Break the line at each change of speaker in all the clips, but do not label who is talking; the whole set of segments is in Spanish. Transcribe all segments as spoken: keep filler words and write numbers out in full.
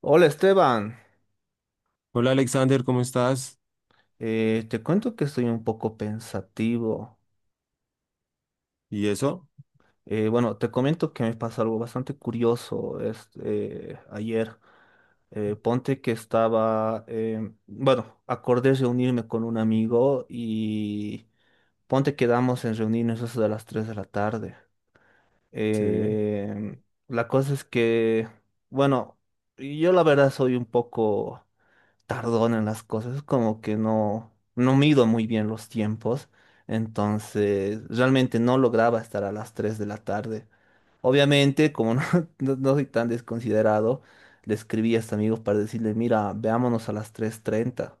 Hola, Esteban.
Hola Alexander, ¿cómo estás?
Eh, te cuento que estoy un poco pensativo.
¿Y eso?
Eh, bueno, te comento que me pasó algo bastante curioso es- eh, ayer. Eh, ponte que estaba, em, bueno, acordé reunirme con un amigo y ponte quedamos en reunirnos eso de las tres de la tarde.
Sí.
Em, la cosa es que, bueno, yo la verdad soy un poco tardón en las cosas, como que no, no mido muy bien los tiempos, entonces realmente no lograba estar a las tres de la tarde. Obviamente, como no, no- no soy tan desconsiderado, le escribí a este amigo para decirle, mira, veámonos a las tres treinta.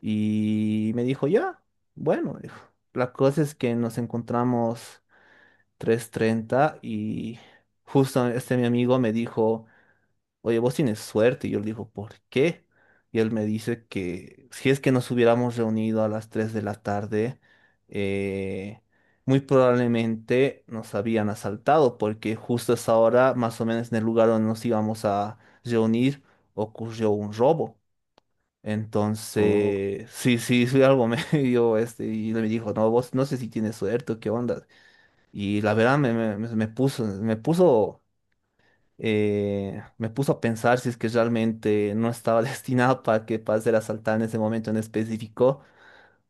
Y me dijo, ya, bueno, dijo. La cosa es que nos encontramos tres treinta y justo este mi amigo me dijo, oye, vos tienes suerte. Y yo le digo, ¿por qué? Y él me dice que si es que nos hubiéramos reunido a las tres de la tarde, eh, muy probablemente nos habían asaltado, porque justo a esa hora, más o menos en el lugar donde nos íbamos a reunir, ocurrió un robo.
Oh,
Entonces, sí, sí, soy algo medio, este, y él me dijo, no, vos no sé si tienes suerte o qué onda. Y la verdad me, me, me puso, me puso eh, me puso a pensar si es que realmente no estaba destinado para que pase ser asaltada en ese momento en específico,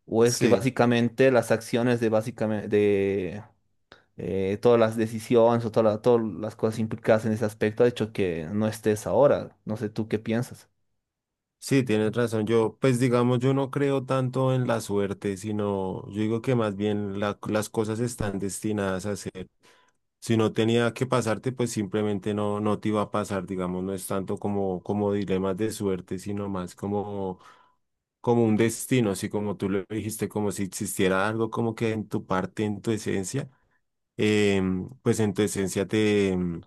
o es que
sí,
básicamente las acciones de básicamente de eh, todas las decisiones o toda la- todas las cosas implicadas en ese aspecto ha hecho que no estés ahora. No sé tú qué piensas.
sí, tienes razón. Yo, pues digamos, yo no creo tanto en la suerte, sino yo digo que más bien la- las cosas están destinadas a ser. Si no tenía que pasarte, pues simplemente no, no te iba a pasar, digamos, no es tanto como, como dilemas de suerte, sino más como, como un destino, así como tú lo dijiste, como si existiera algo como que en tu parte, en tu esencia, em, pues en tu esencia te... em,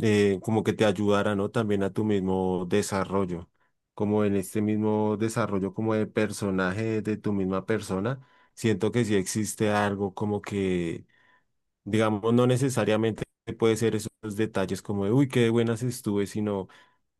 eh, como que te ayudara, ¿no? También a tu mismo desarrollo, como en este mismo desarrollo como de personaje de tu misma persona, siento que sí existe algo como que, digamos, no necesariamente puede ser esos detalles como de, uy, qué de buenas estuve, sino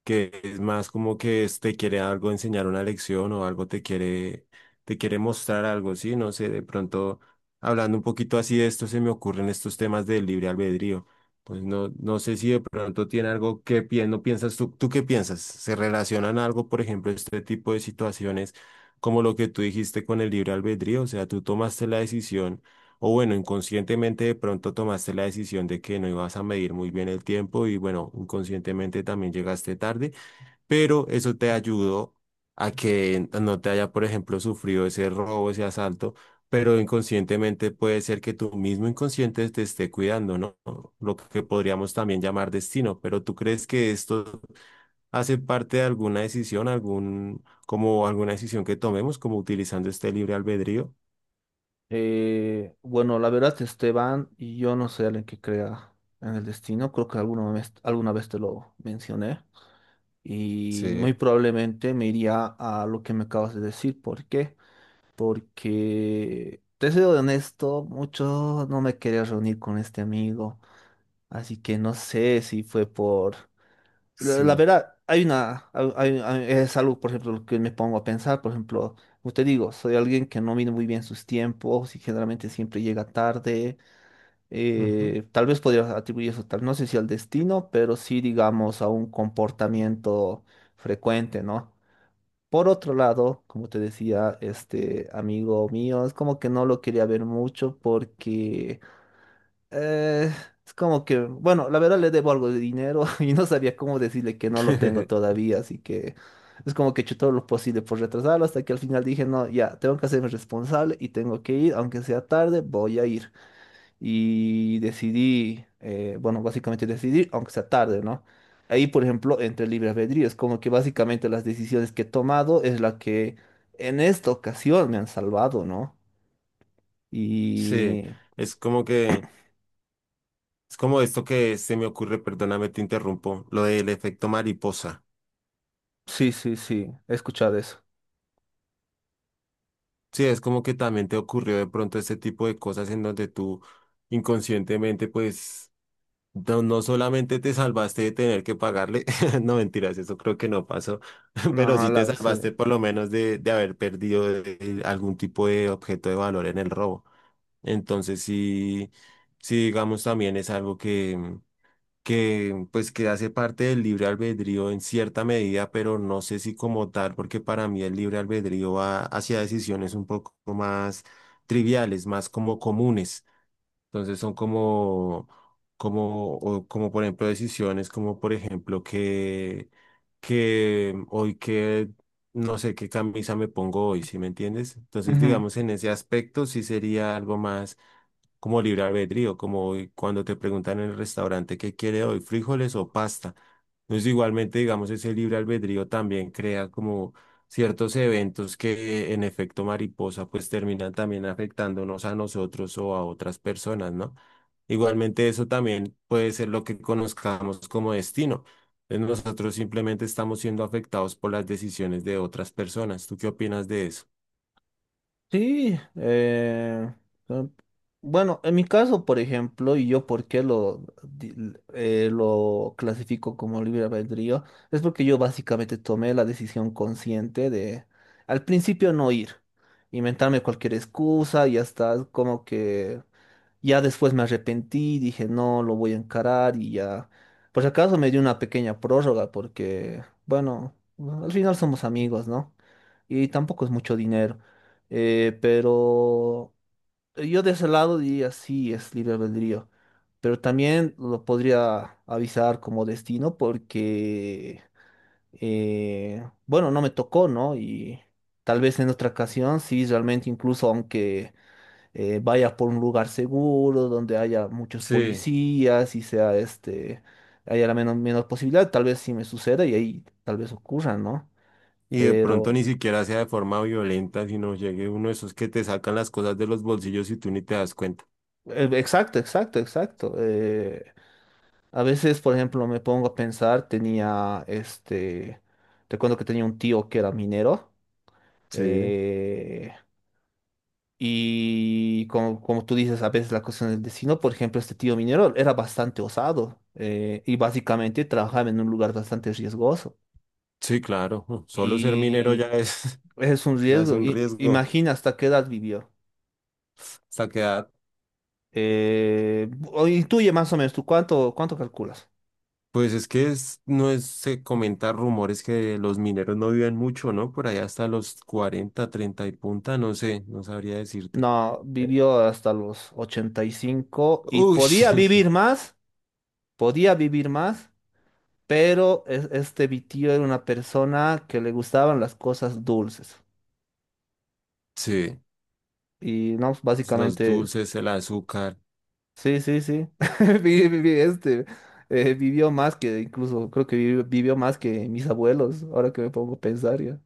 que es más como que es- te quiere algo enseñar una lección o algo te quiere, te quiere mostrar algo, ¿sí? No sé, de pronto, hablando un poquito así de esto, se me ocurren estos temas del libre albedrío. Pues no, no sé si de pronto tiene algo que pi- no piensas tú, ¿tú qué piensas? ¿Se relacionan algo, por ejemplo, este tipo de situaciones como lo que tú dijiste con el libre albedrío? O sea, tú tomaste la decisión o bueno, inconscientemente de pronto tomaste la decisión de que no ibas a medir muy bien el tiempo y bueno, inconscientemente también llegaste tarde, pero eso te ayudó a que no te haya, por ejemplo, sufrido ese robo, ese asalto, pero inconscientemente puede ser que tu mismo inconsciente te esté cuidando, ¿no? Lo que podríamos también llamar destino, pero ¿tú crees que esto hace parte de alguna decisión, algún, como alguna decisión que tomemos, como utilizando este libre albedrío?
Eh, bueno, la verdad, Esteban, y yo no soy alguien que crea en el destino, creo que alguna vez, alguna vez te lo mencioné, y
Sí.
muy probablemente me iría a lo que me acabas de decir. ¿Por qué? Porque te soy honesto, mucho no me quería reunir con este amigo, así que no sé si fue por... La, la
Sí.
verdad, hay una... hay- hay- hay- es algo, por ejemplo, lo que me pongo a pensar, por ejemplo, como te digo, soy alguien que no mide muy bien sus tiempos y generalmente siempre llega tarde.
Ujú.
Eh, tal vez podría atribuir eso, tal, no sé si al destino, pero sí, digamos, a un comportamiento frecuente, ¿no? Por otro lado, como te decía, este amigo mío, es como que no lo quería ver mucho porque eh, es como que, bueno, la verdad le debo algo de dinero y no sabía cómo decirle que no lo tengo todavía, así que es como que he hecho todo lo posible por retrasarlo hasta que al final dije, no, ya, tengo que hacerme responsable y tengo que ir, aunque sea tarde, voy a ir y decidí, eh, bueno, básicamente decidir, aunque sea tarde, ¿no? Ahí, por ejemplo, entre libre albedrío, es como que básicamente las decisiones que he tomado es la que en esta ocasión me han salvado, ¿no?
Sí,
Y
es como que, es como esto que se me ocurre, perdóname, te interrumpo, lo del efecto mariposa.
sí, sí, sí, he escuchado eso.
Sí, es como que también te ocurrió de pronto este tipo de cosas en donde tú inconscientemente, pues, no, no solamente te salvaste de tener que pagarle, no mentiras, eso creo que no pasó, pero
No,
sí te
la sí.
salvaste por lo menos de, de haber perdido eh, algún tipo de objeto de valor en el robo. Entonces, sí, sí, digamos, también es algo que... que pues que hace parte del libre albedrío en cierta medida, pero no sé si como tal, porque para mí el libre albedrío va hacia decisiones un poco más triviales, más como comunes. Entonces son como, como, o como por ejemplo decisiones, como por ejemplo que, que hoy que, no sé qué camisa me pongo hoy, ¿sí me entiendes? Entonces
Ujú.
digamos en ese aspecto sí sería algo más como libre albedrío, como hoy cuando te preguntan en el restaurante qué quiere hoy, frijoles o pasta. Entonces igualmente digamos ese libre albedrío también crea como ciertos eventos que en efecto mariposa pues terminan también afectándonos a nosotros o a otras personas, ¿no? Igualmente eso también puede ser lo que conozcamos como destino. Entonces, nosotros simplemente estamos siendo afectados por las decisiones de otras personas. ¿Tú qué opinas de eso?
Sí, eh, eh, bueno, en mi caso, por ejemplo, y yo por qué lo, di- eh, lo clasifico como libre albedrío, es porque yo básicamente tomé la decisión consciente de al principio no ir, inventarme cualquier excusa y hasta como que ya después me arrepentí, dije, no, lo voy a encarar y ya. Por si acaso me dio una pequeña prórroga porque, bueno, al final somos amigos, ¿no? Y tampoco es mucho dinero. Eh, pero yo de ese lado diría, sí, es libre albedrío. Pero también lo podría avisar como destino porque, eh, bueno, no me tocó, ¿no? Y tal vez en otra ocasión, sí, realmente incluso aunque eh, vayas por un lugar seguro, donde haya muchos
Sí.
policías y sea este, haya la menos, menos posibilidad, tal vez sí me suceda y ahí tal vez ocurra, ¿no?
Y de pronto
Pero,
ni siquiera sea de forma violenta, sino llegue uno de esos que te sacan las cosas de los bolsillos y tú ni te das cuenta.
eh, exacto, exacto, exacto. Eh, a veces, por ejemplo, me pongo a pensar, tenía este, recuerdo que tenía un tío que era minero.
Sí.
eh, Y como, como tú dices, a veces la cuestión del destino, por ejemplo, este tío minero era bastante osado eh, y básicamente trabajaba en un lugar bastante riesgoso.
Sí, claro. Solo ser minero ya
Y
es,
es un
ya es
riesgo.
un
I-
riesgo.
imagina hasta qué edad vivió.
Hasta quedar.
Eh, o intuye más o menos, ¿tú cuánto, cuánto calculas?
Pues es que es- no es, se comentan rumores que los mineros no viven mucho, ¿no? Por allá hasta los cuarenta, treinta y punta, no sé, no sabría decirte.
No,
Eh,
vivió hasta los ochenta y cinco y
Uy,
podía vivir más, podía vivir más, pero es- este mi tío era una persona que le gustaban las cosas dulces.
sí,
Y no, pues,
los
básicamente,
dulces, el azúcar.
sí, sí, sí. Vi- vi- vi- Este, eh, vivió más que, incluso creo que vivió, vivió más que mis abuelos, ahora que me pongo a pensar ya.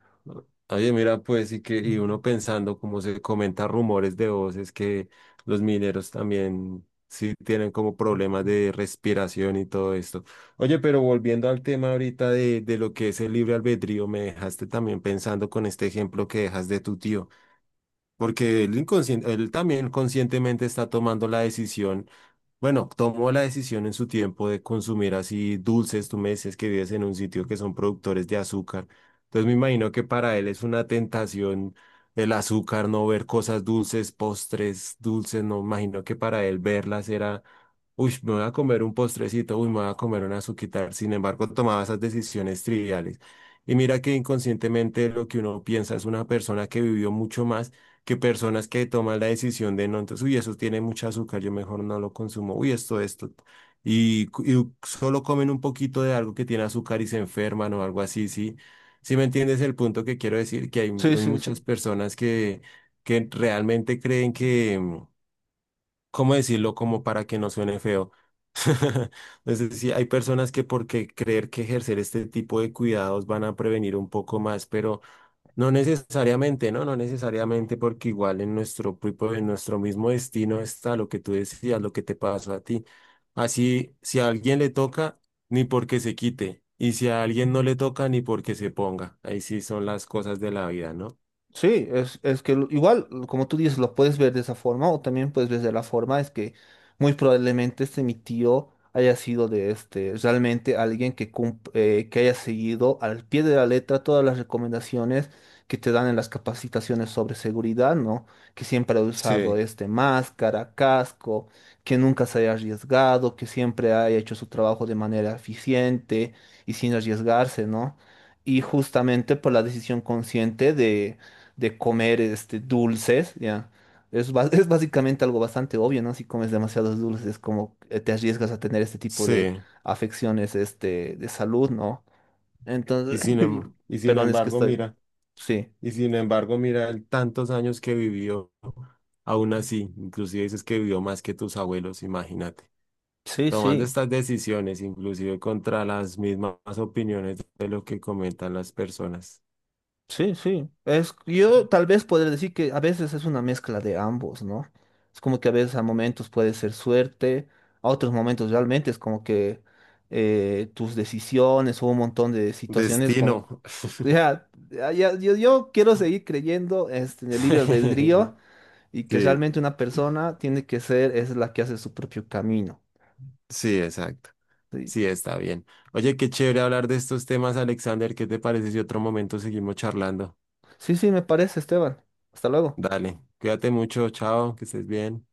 Oye, mira, pues, y que, y uno pensando, como se comenta rumores de voces, que los mineros también sí tienen como problemas de respiración y todo esto. Oye, pero volviendo al tema ahorita de, de lo que es el libre albedrío, me dejaste también pensando con este ejemplo que dejas de tu tío, porque él inconscien- él también conscientemente está tomando la decisión bueno, tomó la decisión en su tiempo de consumir así dulces. Tú me decías que vives en un sitio que son productores de azúcar. Entonces me imagino que para él es una tentación el azúcar, no ver cosas dulces, postres dulces. No, imagino que para él verlas era, uy, me voy a comer un postrecito, uy, me voy a comer una azuquitar. Sin embargo, tomaba esas decisiones triviales. Y mira que inconscientemente lo que uno piensa es una persona que vivió mucho más que personas que toman la decisión de no, entonces, uy, eso tiene mucho azúcar, yo mejor no lo consumo, uy, esto, esto. Y, cu- y solo comen un poquito de algo que tiene azúcar y se enferman o algo así, sí. Sí me entiendes el punto que quiero decir, que hay,
Sí,
hay
sí, sí.
muchas personas que, que realmente creen que, mm, ¿cómo decirlo? Como para que no suene feo. Entonces, sí, hay personas que porque creer que ejercer este tipo de cuidados van a prevenir un poco más, pero no necesariamente, ¿no? No necesariamente, porque igual en nuestro, propio- en nuestro mismo destino está lo que tú decías, lo que te pasó a ti. Así, si a alguien le toca, ni porque se quite. Y si a alguien no le toca, ni porque se ponga. Ahí sí son las cosas de la vida, ¿no?
Sí, es, es que lo- igual, como tú dices, lo puedes ver de esa forma o también puedes ver de la forma, es que muy probablemente este mi tío haya sido de este, realmente alguien que, cum- eh, que haya seguido al pie de la letra todas las recomendaciones que te dan en las capacitaciones sobre seguridad, ¿no? Que siempre ha usado
Sí,
este máscara, casco, que nunca se haya arriesgado, que siempre haya hecho su trabajo de manera eficiente y sin arriesgarse, ¿no? Y justamente por la decisión consciente de comer este, dulces, ¿ya? Es, ba- es básicamente algo bastante obvio, ¿no? Si comes demasiados dulces, es como eh, te arriesgas a tener este tipo de
sí.
afecciones este, de salud, ¿no?
Y
Entonces,
sin, em- y sin
perdón, es que
embargo,
estoy.
mira,
Sí.
y sin embargo, mira, el tantos años que vivió, aún así, inclusive dices que vivió más que tus abuelos, imagínate.
Sí,
Tomando
sí.
estas decisiones, inclusive contra las mismas opiniones de lo que comentan las personas.
Sí, sí. Es, yo tal vez podría decir que a veces es una mezcla de ambos, ¿no? Es como que a veces a momentos puede ser suerte, a otros momentos realmente es como que eh, tus decisiones o un montón de situaciones como...
Destino.
Ya, ya, ya- yo, yo quiero seguir creyendo este, en el libre albedrío y que
Sí,
realmente una persona tiene que ser, es la que hace su propio camino.
sí, exacto.
Sí,
Sí, está bien. Oye, qué chévere hablar de estos temas, Alexander. ¿Qué te parece si otro momento seguimos charlando?
sí, sí, me parece, Esteban. Hasta luego.
Dale, cuídate mucho, chao, que estés bien.